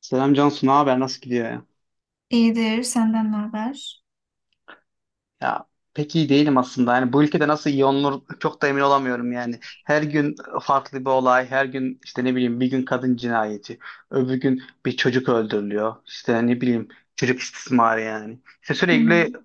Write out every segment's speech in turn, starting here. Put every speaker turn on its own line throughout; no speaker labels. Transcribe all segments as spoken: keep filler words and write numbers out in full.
Selam Cansu, ne haber? Nasıl gidiyor ya?
İyidir, senden ne haber?
Ya pek iyi değilim aslında. Yani bu ülkede nasıl iyi olunur çok da emin olamıyorum yani. Her gün farklı bir olay, her gün işte ne bileyim bir gün kadın cinayeti, öbür gün bir çocuk öldürülüyor. İşte ne bileyim çocuk istismarı yani. İşte sürekli
Hmm.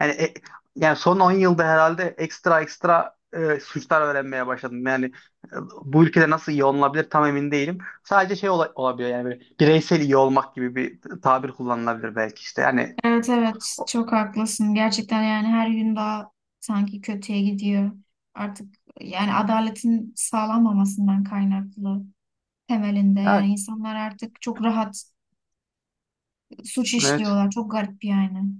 yani e- yani son on yılda herhalde ekstra ekstra e, suçlar öğrenmeye başladım. Yani e, bu ülkede nasıl iyi olunabilir tam emin değilim. Sadece şey ola- olabiliyor yani böyle bireysel iyi olmak gibi bir tabir kullanılabilir belki işte. Yani
Evet evet, çok haklısın. Gerçekten yani her gün daha sanki kötüye gidiyor. Artık yani adaletin sağlanmamasından kaynaklı temelinde. Yani insanlar artık çok rahat suç
evet.
işliyorlar. Çok garip yani.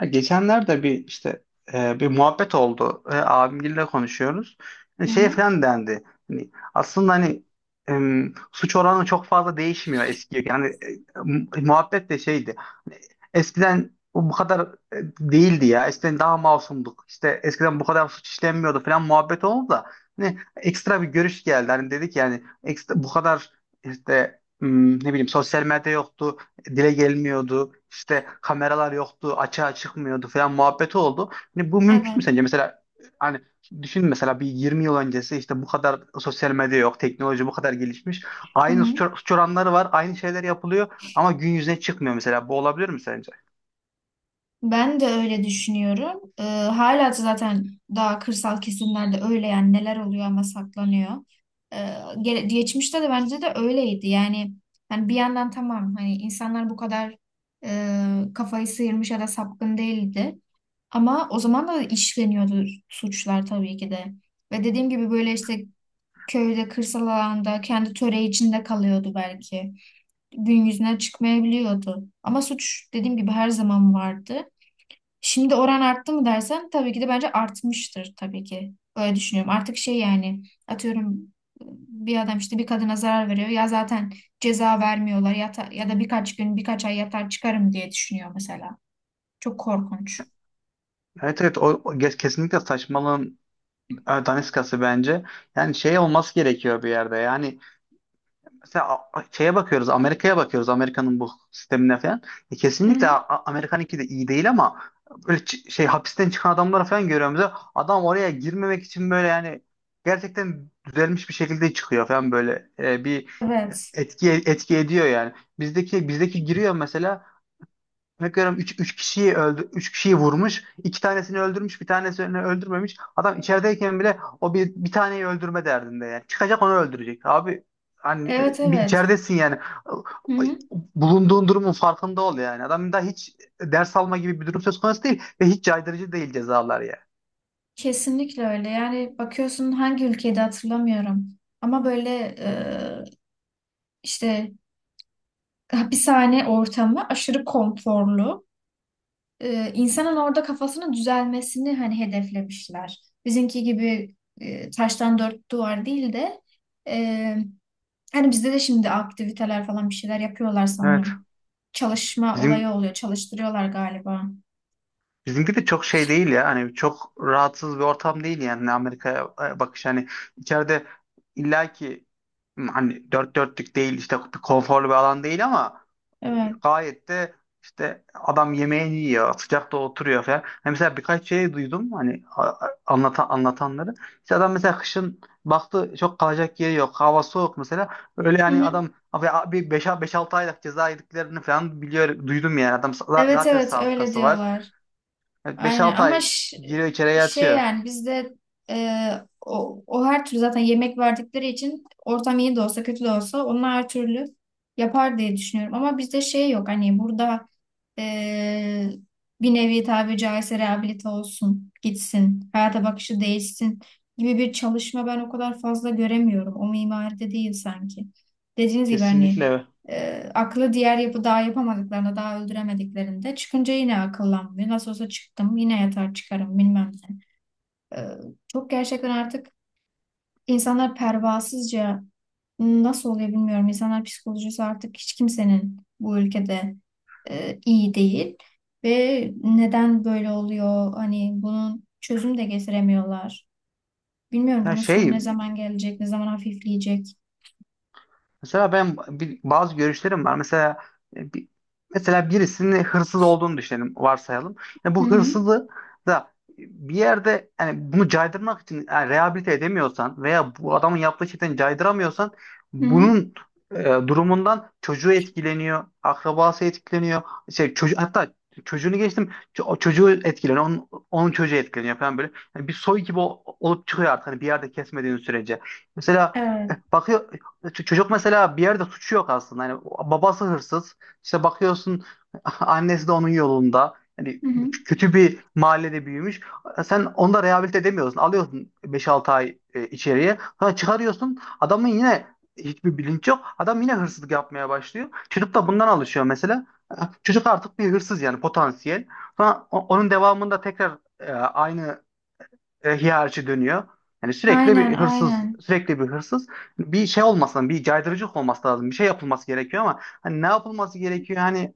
Ya geçenlerde bir işte e, bir muhabbet oldu. E, abimgille konuşuyoruz. E,
Hı
şey
hı.
falan dendi. Hani aslında hani em, suç oranı çok fazla değişmiyor eskiye. Yani e, mu- muhabbet de şeydi. Hani eskiden bu bu kadar e, değildi ya. Eskiden daha masumduk. İşte eskiden bu kadar suç işlenmiyordu falan muhabbet oldu da hani ekstra bir görüş geldi. Hani dedik yani ekstra, bu kadar işte m, ne bileyim sosyal medya yoktu dile gelmiyordu. İşte kameralar yoktu, açığa çıkmıyordu falan muhabbeti oldu. Hani bu mümkün mü
Evet.
sence? Mesela hani düşün mesela bir yirmi yıl öncesi işte bu kadar sosyal medya yok, teknoloji bu kadar gelişmiş.
Hı
Aynı suç,
hı.
suç oranları var, aynı şeyler yapılıyor ama gün yüzüne çıkmıyor mesela. Bu olabilir mi sence?
Ben de öyle düşünüyorum. Ee, hala da zaten daha kırsal kesimlerde öyle yani neler oluyor ama saklanıyor. Ee, gele- Geçmişte de bence de öyleydi. Yani yani bir yandan tamam hani insanlar bu kadar e, kafayı sıyırmış ya da sapkın değildi. Ama o zaman da işleniyordu suçlar tabii ki de. Ve dediğim gibi böyle işte köyde, kırsal alanda kendi töre içinde kalıyordu belki. Gün yüzüne çıkmayabiliyordu. Ama suç dediğim gibi her zaman vardı. Şimdi oran arttı mı dersen tabii ki de bence artmıştır tabii ki. Öyle düşünüyorum. Artık şey yani atıyorum bir adam işte bir kadına zarar veriyor ya zaten ceza vermiyorlar ya, ta- ya da birkaç gün birkaç ay yatar çıkarım diye düşünüyor mesela. Çok korkunç.
Evet, evet, o, o kes- kesinlikle saçmalığın e, daniskası bence. Yani şey olması gerekiyor bir yerde. Yani mesela a- a- şeye bakıyoruz, Amerika'ya bakıyoruz, Amerika'nın bu sistemine falan. E,
Hı hı.
kesinlikle A- A- Amerika'nınki de iyi değil ama böyle çı- şey hapisten çıkan adamları falan görüyoruz. Ya, adam oraya girmemek için böyle yani gerçekten düzelmiş bir şekilde çıkıyor falan böyle E, bir
Evet.
etki etki ediyor yani. Bizdeki bizdeki giriyor mesela. Bakıyorum üç üç kişiyi öldü üç kişiyi vurmuş. İki tanesini öldürmüş, bir tanesini öldürmemiş. Adam içerideyken bile o bir bir taneyi öldürme derdinde yani. Çıkacak onu öldürecek. Abi hani e,
Evet
bir
evet.
içeridesin yani.
Hı hı.
Bulunduğun durumun farkında ol yani. Adam da hiç ders alma gibi bir durum söz konusu değil ve hiç caydırıcı değil cezalar ya.
Kesinlikle öyle. Yani bakıyorsun hangi ülkede hatırlamıyorum. Ama böyle e, işte hapishane ortamı aşırı konforlu. e, insanın orada kafasının düzelmesini hani hedeflemişler. Bizimki gibi e, taştan dört duvar değil de e, hani bizde de şimdi aktiviteler falan bir şeyler yapıyorlar
Evet.
sanırım. Çalışma olayı
Bizim
oluyor, çalıştırıyorlar galiba.
Bizimki de çok şey değil ya. Hani çok rahatsız bir ortam değil yani Amerika'ya e, bakış hani içeride illaki hani dört dörtlük değil işte bir konforlu bir alan değil ama
Evet.
gayet de işte adam yemeğini yiyor, sıcakta oturuyor falan. Hani mesela birkaç şey duydum hani a- a- anlatan anlatanları. İşte adam mesela kışın baktı çok kalacak yeri yok, hava soğuk mesela. Öyle
Hı
yani
hı.
adam abi bir beş altı aylık ceza yediklerini falan biliyor duydum yani adam za-
Evet
zaten
evet öyle
sabıkası var.
diyorlar.
Evet,
Aynen
beş altı
ama
ay
ş-
giriyor içeriye
şey
yatıyor.
yani bizde e, o, o her türlü zaten yemek verdikleri için ortam iyi de olsa kötü de olsa onlar her türlü yapar diye düşünüyorum. Ama bizde şey yok hani burada e, bir nevi tabi caizse rehabilite olsun, gitsin, hayata bakışı değişsin gibi bir çalışma ben o kadar fazla göremiyorum. O mimaride değil sanki. Dediğiniz gibi hani
Kesinlikle.
e, aklı diğer yapı daha yapamadıklarında, daha öldüremediklerinde çıkınca yine akıllanmıyor. Nasıl olsa çıktım, yine yatar çıkarım bilmem ne. E, çok gerçekten artık insanlar pervasızca nasıl oluyor bilmiyorum. İnsanlar psikolojisi artık hiç kimsenin bu ülkede e, iyi değil. Ve neden böyle oluyor? Hani bunun çözüm de getiremiyorlar. Bilmiyorum
Yani
bunun sonu ne
şey,
zaman gelecek, ne zaman hafifleyecek.
mesela ben bir, bazı görüşlerim var. Mesela e, bir, mesela birisinin hırsız olduğunu düşünelim, varsayalım. Yani
Hı
bu
hı.
hırsızı da bir yerde yani bunu caydırmak için yani rehabilite edemiyorsan veya bu adamın yaptığı şeyden caydıramıyorsan
Hı hı.
bunun e, durumundan çocuğu etkileniyor, akrabası etkileniyor. Şey, çocuğu, hatta çocuğunu geçtim ço- o çocuğu etkileniyor, onun, onun çocuğu etkileniyor falan böyle. Yani bir soy gibi o- olup çıkıyor artık hani bir yerde kesmediğin sürece. Mesela
Evet.
e, bakıyor ç- çocuk mesela bir yerde suçu yok aslında. Hani babası hırsız. İşte bakıyorsun annesi de onun yolunda. Hani
Hı hı.
kötü bir mahallede büyümüş. Sen onu da rehabilite edemiyorsun. Alıyorsun beş altı ay e, içeriye. Sonra çıkarıyorsun. Adamın yine hiçbir bilinç yok. Adam yine hırsızlık yapmaya başlıyor. Çocuk da bundan alışıyor mesela. Çocuk artık bir hırsız yani potansiyel. Sonra o- onun devamında tekrar e, aynı e, hiyerarşi dönüyor. Yani sürekli
Aynen,
bir hırsız,
aynen.
sürekli bir hırsız. Bir şey olmasın, bir caydırıcılık olması lazım. Bir şey yapılması gerekiyor ama hani ne yapılması gerekiyor? Hani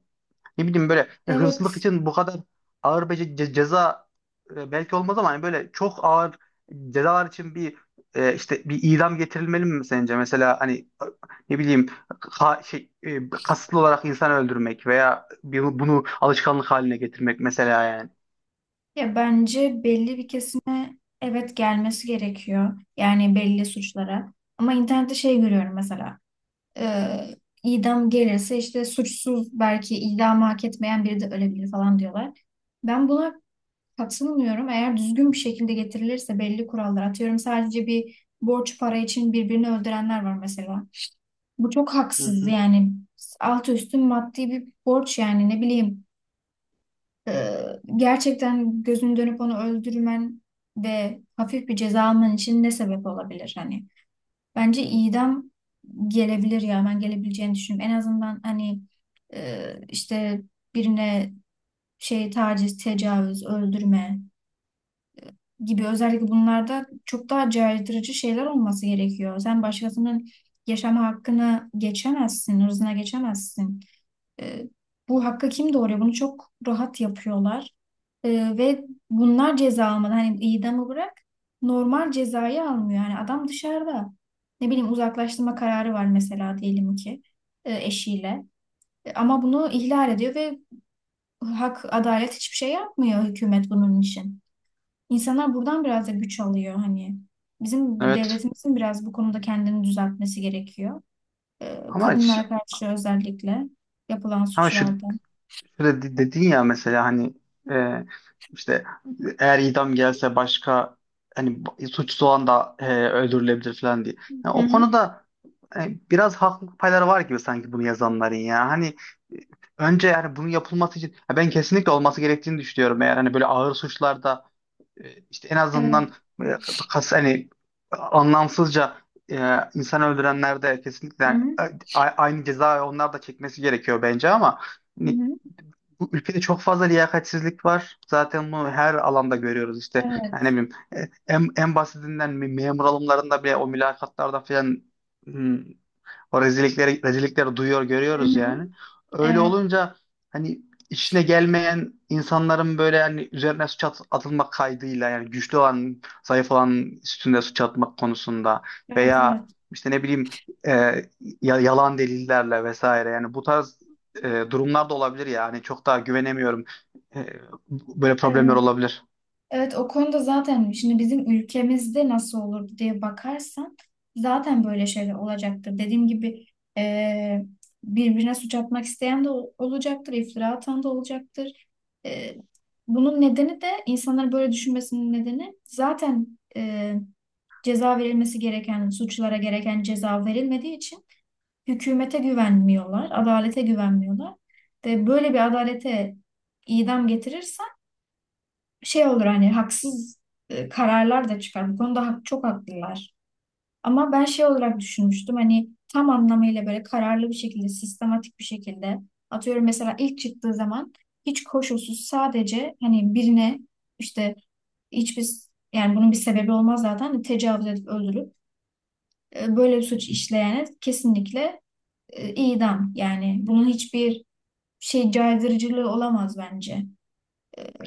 ne bileyim böyle e, hırsızlık
Evet,
için bu kadar ağır bir ce- ce- ceza e, belki olmaz ama hani böyle çok ağır cezalar için bir e, işte bir idam getirilmeli mi sence? Mesela hani e, ne bileyim ha- şey, e, kasıtlı olarak insan öldürmek veya bir- bunu alışkanlık haline getirmek mesela yani.
ya bence belli bir kesime evet gelmesi gerekiyor. Yani belli suçlara. Ama internette şey görüyorum mesela. E, idam gelirse işte suçsuz belki idamı hak etmeyen biri de ölebilir falan diyorlar. Ben buna katılmıyorum. Eğer düzgün bir şekilde getirilirse belli kurallar atıyorum. Sadece bir borç para için birbirini öldürenler var mesela. Bu çok
Hı
haksız
hı.
yani alt üstü maddi bir borç yani ne bileyim. Ee, Gerçekten gözünü dönüp onu öldürmen ve hafif bir ceza alman için ne sebep olabilir hani? Bence idam gelebilir ya ben gelebileceğini düşünüyorum. En azından hani e, işte birine şey taciz, tecavüz, öldürme gibi özellikle bunlarda çok daha caydırıcı şeyler olması gerekiyor. Sen başkasının yaşama hakkını geçemezsin, hırzına geçemezsin. E, Bu hakka kim doğuruyor? Bunu çok rahat yapıyorlar. E, Ve bunlar ceza almadan hani idamı bırak normal cezayı almıyor. Yani adam dışarıda ne bileyim uzaklaştırma kararı var mesela diyelim ki e, eşiyle. E, ama bunu ihlal ediyor ve hak adalet hiçbir şey yapmıyor hükümet bunun için. İnsanlar buradan biraz da güç alıyor hani. Bizim
Evet.
devletimizin biraz bu konuda kendini düzeltmesi gerekiyor. E,
Ama ş-
kadınlara karşı özellikle yapılan
ama şu,
suçlarda.
şöyle de- dedin ya mesela hani e, işte eğer idam gelse başka hani b- suçsuz olan da e, öldürülebilir falan diye. Yani
Hı
o
hı.
konuda e, biraz haklılık payları var gibi sanki bunu yazanların ya. Hani e, önce yani bunun yapılması için ya ben kesinlikle olması gerektiğini düşünüyorum. Eğer hani böyle ağır suçlarda e, işte en
Evet.
azından e, kas hani anlamsızca e, insan öldürenler de kesinlikle
Hı hı.
e, a- aynı cezayı onlar da çekmesi gerekiyor bence ama
Hı
hani
hı.
bu ülkede çok fazla liyakatsizlik var. Zaten bunu her alanda görüyoruz işte. Yani ne
Evet.
bileyim e, en, en basitinden me- memur alımlarında bile o mülakatlarda falan hmm, o rezillikleri, rezillikleri duyuyor,
Hı
görüyoruz
hı.
yani. Öyle
Evet.
olunca hani işine gelmeyen insanların böyle hani üzerine suç at- atılmak kaydıyla yani güçlü olan, zayıf olanın üstünde suç atmak konusunda
Evet.
veya
Evet.
işte ne bileyim e, ya- yalan delillerle vesaire yani bu tarz e, durumlar da olabilir yani çok daha güvenemiyorum. E, Böyle problemler
Evet.
olabilir.
Evet. O konuda zaten şimdi bizim ülkemizde nasıl olurdu diye bakarsan zaten böyle şeyler olacaktır. Dediğim gibi eee, birbirine suç atmak isteyen de ol- olacaktır. İftira atan da olacaktır. Eee, bunun nedeni de insanların böyle düşünmesinin nedeni zaten eee ceza verilmesi gereken suçlara gereken ceza verilmediği için hükümete güvenmiyorlar, adalete güvenmiyorlar. Ve böyle bir adalete idam getirirsen şey olur hani haksız e, kararlar da çıkar. Bu konuda hak, çok haklılar. Ama ben şey olarak düşünmüştüm hani tam anlamıyla böyle kararlı bir şekilde, sistematik bir şekilde atıyorum mesela ilk çıktığı zaman hiç koşulsuz sadece hani birine işte hiçbir yani bunun bir sebebi olmaz zaten tecavüz edip öldürüp e, böyle bir suç işleyene kesinlikle e, idam. Yani bunun hiçbir şey caydırıcılığı olamaz bence.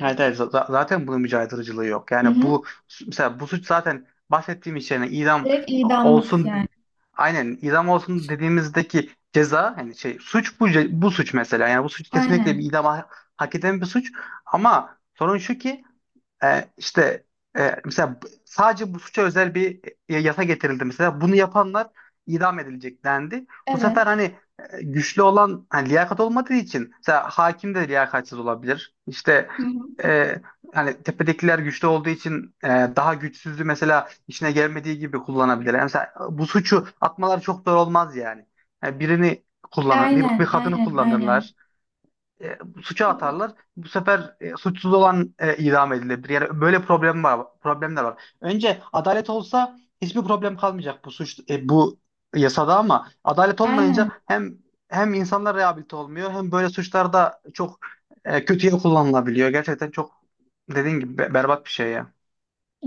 Evet, evet. Z- z- zaten bunun mücadeleciliği yok.
Hı
Yani
hı.
bu mesela bu suç zaten bahsettiğim iş yani idam
Direkt idamlık
olsun,
yani.
aynen idam olsun dediğimizdeki ceza hani şey suç bu ce- bu suç mesela. Yani bu suç kesinlikle bir
Aynen.
idam ha- hak eden bir suç ama sorun şu ki e, işte e, mesela b- sadece bu suça özel bir e, yasa getirildi mesela. Bunu yapanlar idam edilecek dendi. Bu sefer
Evet.
hani e, güçlü olan hani liyakat olmadığı için mesela hakim de liyakatsiz olabilir. İşte
Hı hı.
e, hani tepedekiler güçlü olduğu için e, daha güçsüzü mesela işine gelmediği gibi kullanabilir. Yani mesela e, bu suçu atmaları çok zor olmaz yani. Yani birini kullanır, bir, bir
Aynen,
kadını
aynen, aynen.
kullanırlar e, suça
Ee,
atarlar. Bu sefer e, suçsuz olan e, idam edilebilir. Yani böyle problem var, problemler var. Önce adalet olsa hiçbir problem kalmayacak bu suç e, bu yasada ama adalet olmayınca
Aynen.
hem hem insanlar rehabilite olmuyor hem böyle suçlarda çok e, kötüye kullanılabiliyor. Gerçekten çok dediğin gibi be- berbat bir şey ya.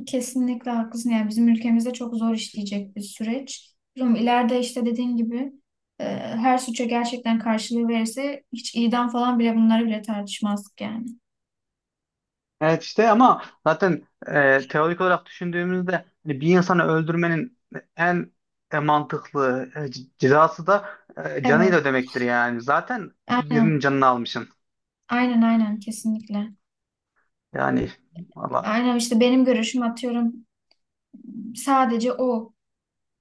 Kesinlikle haklısın. Yani bizim ülkemizde çok zor işleyecek bir süreç. Bilmiyorum, ileride işte dediğin gibi e, her suça gerçekten karşılığı verirse hiç idam falan bile bunları bile tartışmazdık yani.
Evet işte ama zaten e, teorik olarak düşündüğümüzde hani bir insanı öldürmenin en e, mantıklı e, c- cezası da e, canıyla
Evet.
ödemektir yani. Zaten e, birinin
Aynen.
canını almışsın.
Aynen aynen kesinlikle.
Yani valla
Aynen işte benim görüşüm atıyorum sadece o.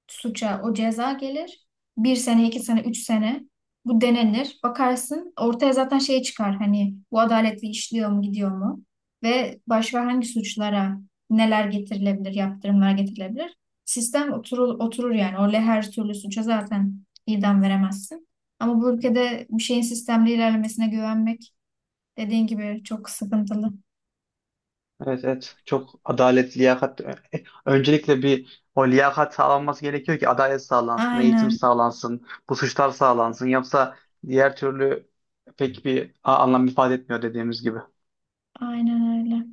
Suça o ceza gelir. Bir sene, iki sene, üç sene bu denenir. Bakarsın ortaya zaten şey çıkar hani bu adaletli işliyor mu gidiyor mu? Ve başka hangi suçlara neler getirilebilir, yaptırımlar getirilebilir? Sistem oturur, oturur yani. Orada her türlü suça zaten idam veremezsin. Ama bu ülkede bir şeyin sistemli ilerlemesine güvenmek dediğin gibi çok sıkıntılı.
evet, evet, çok adalet, liyakat. e, Öncelikle bir o liyakat sağlanması gerekiyor ki adalet sağlansın, eğitim
Aynen,
sağlansın, bu suçlar sağlansın. Yoksa diğer türlü pek bir a- anlam ifade etmiyor dediğimiz gibi.
aynen öyle.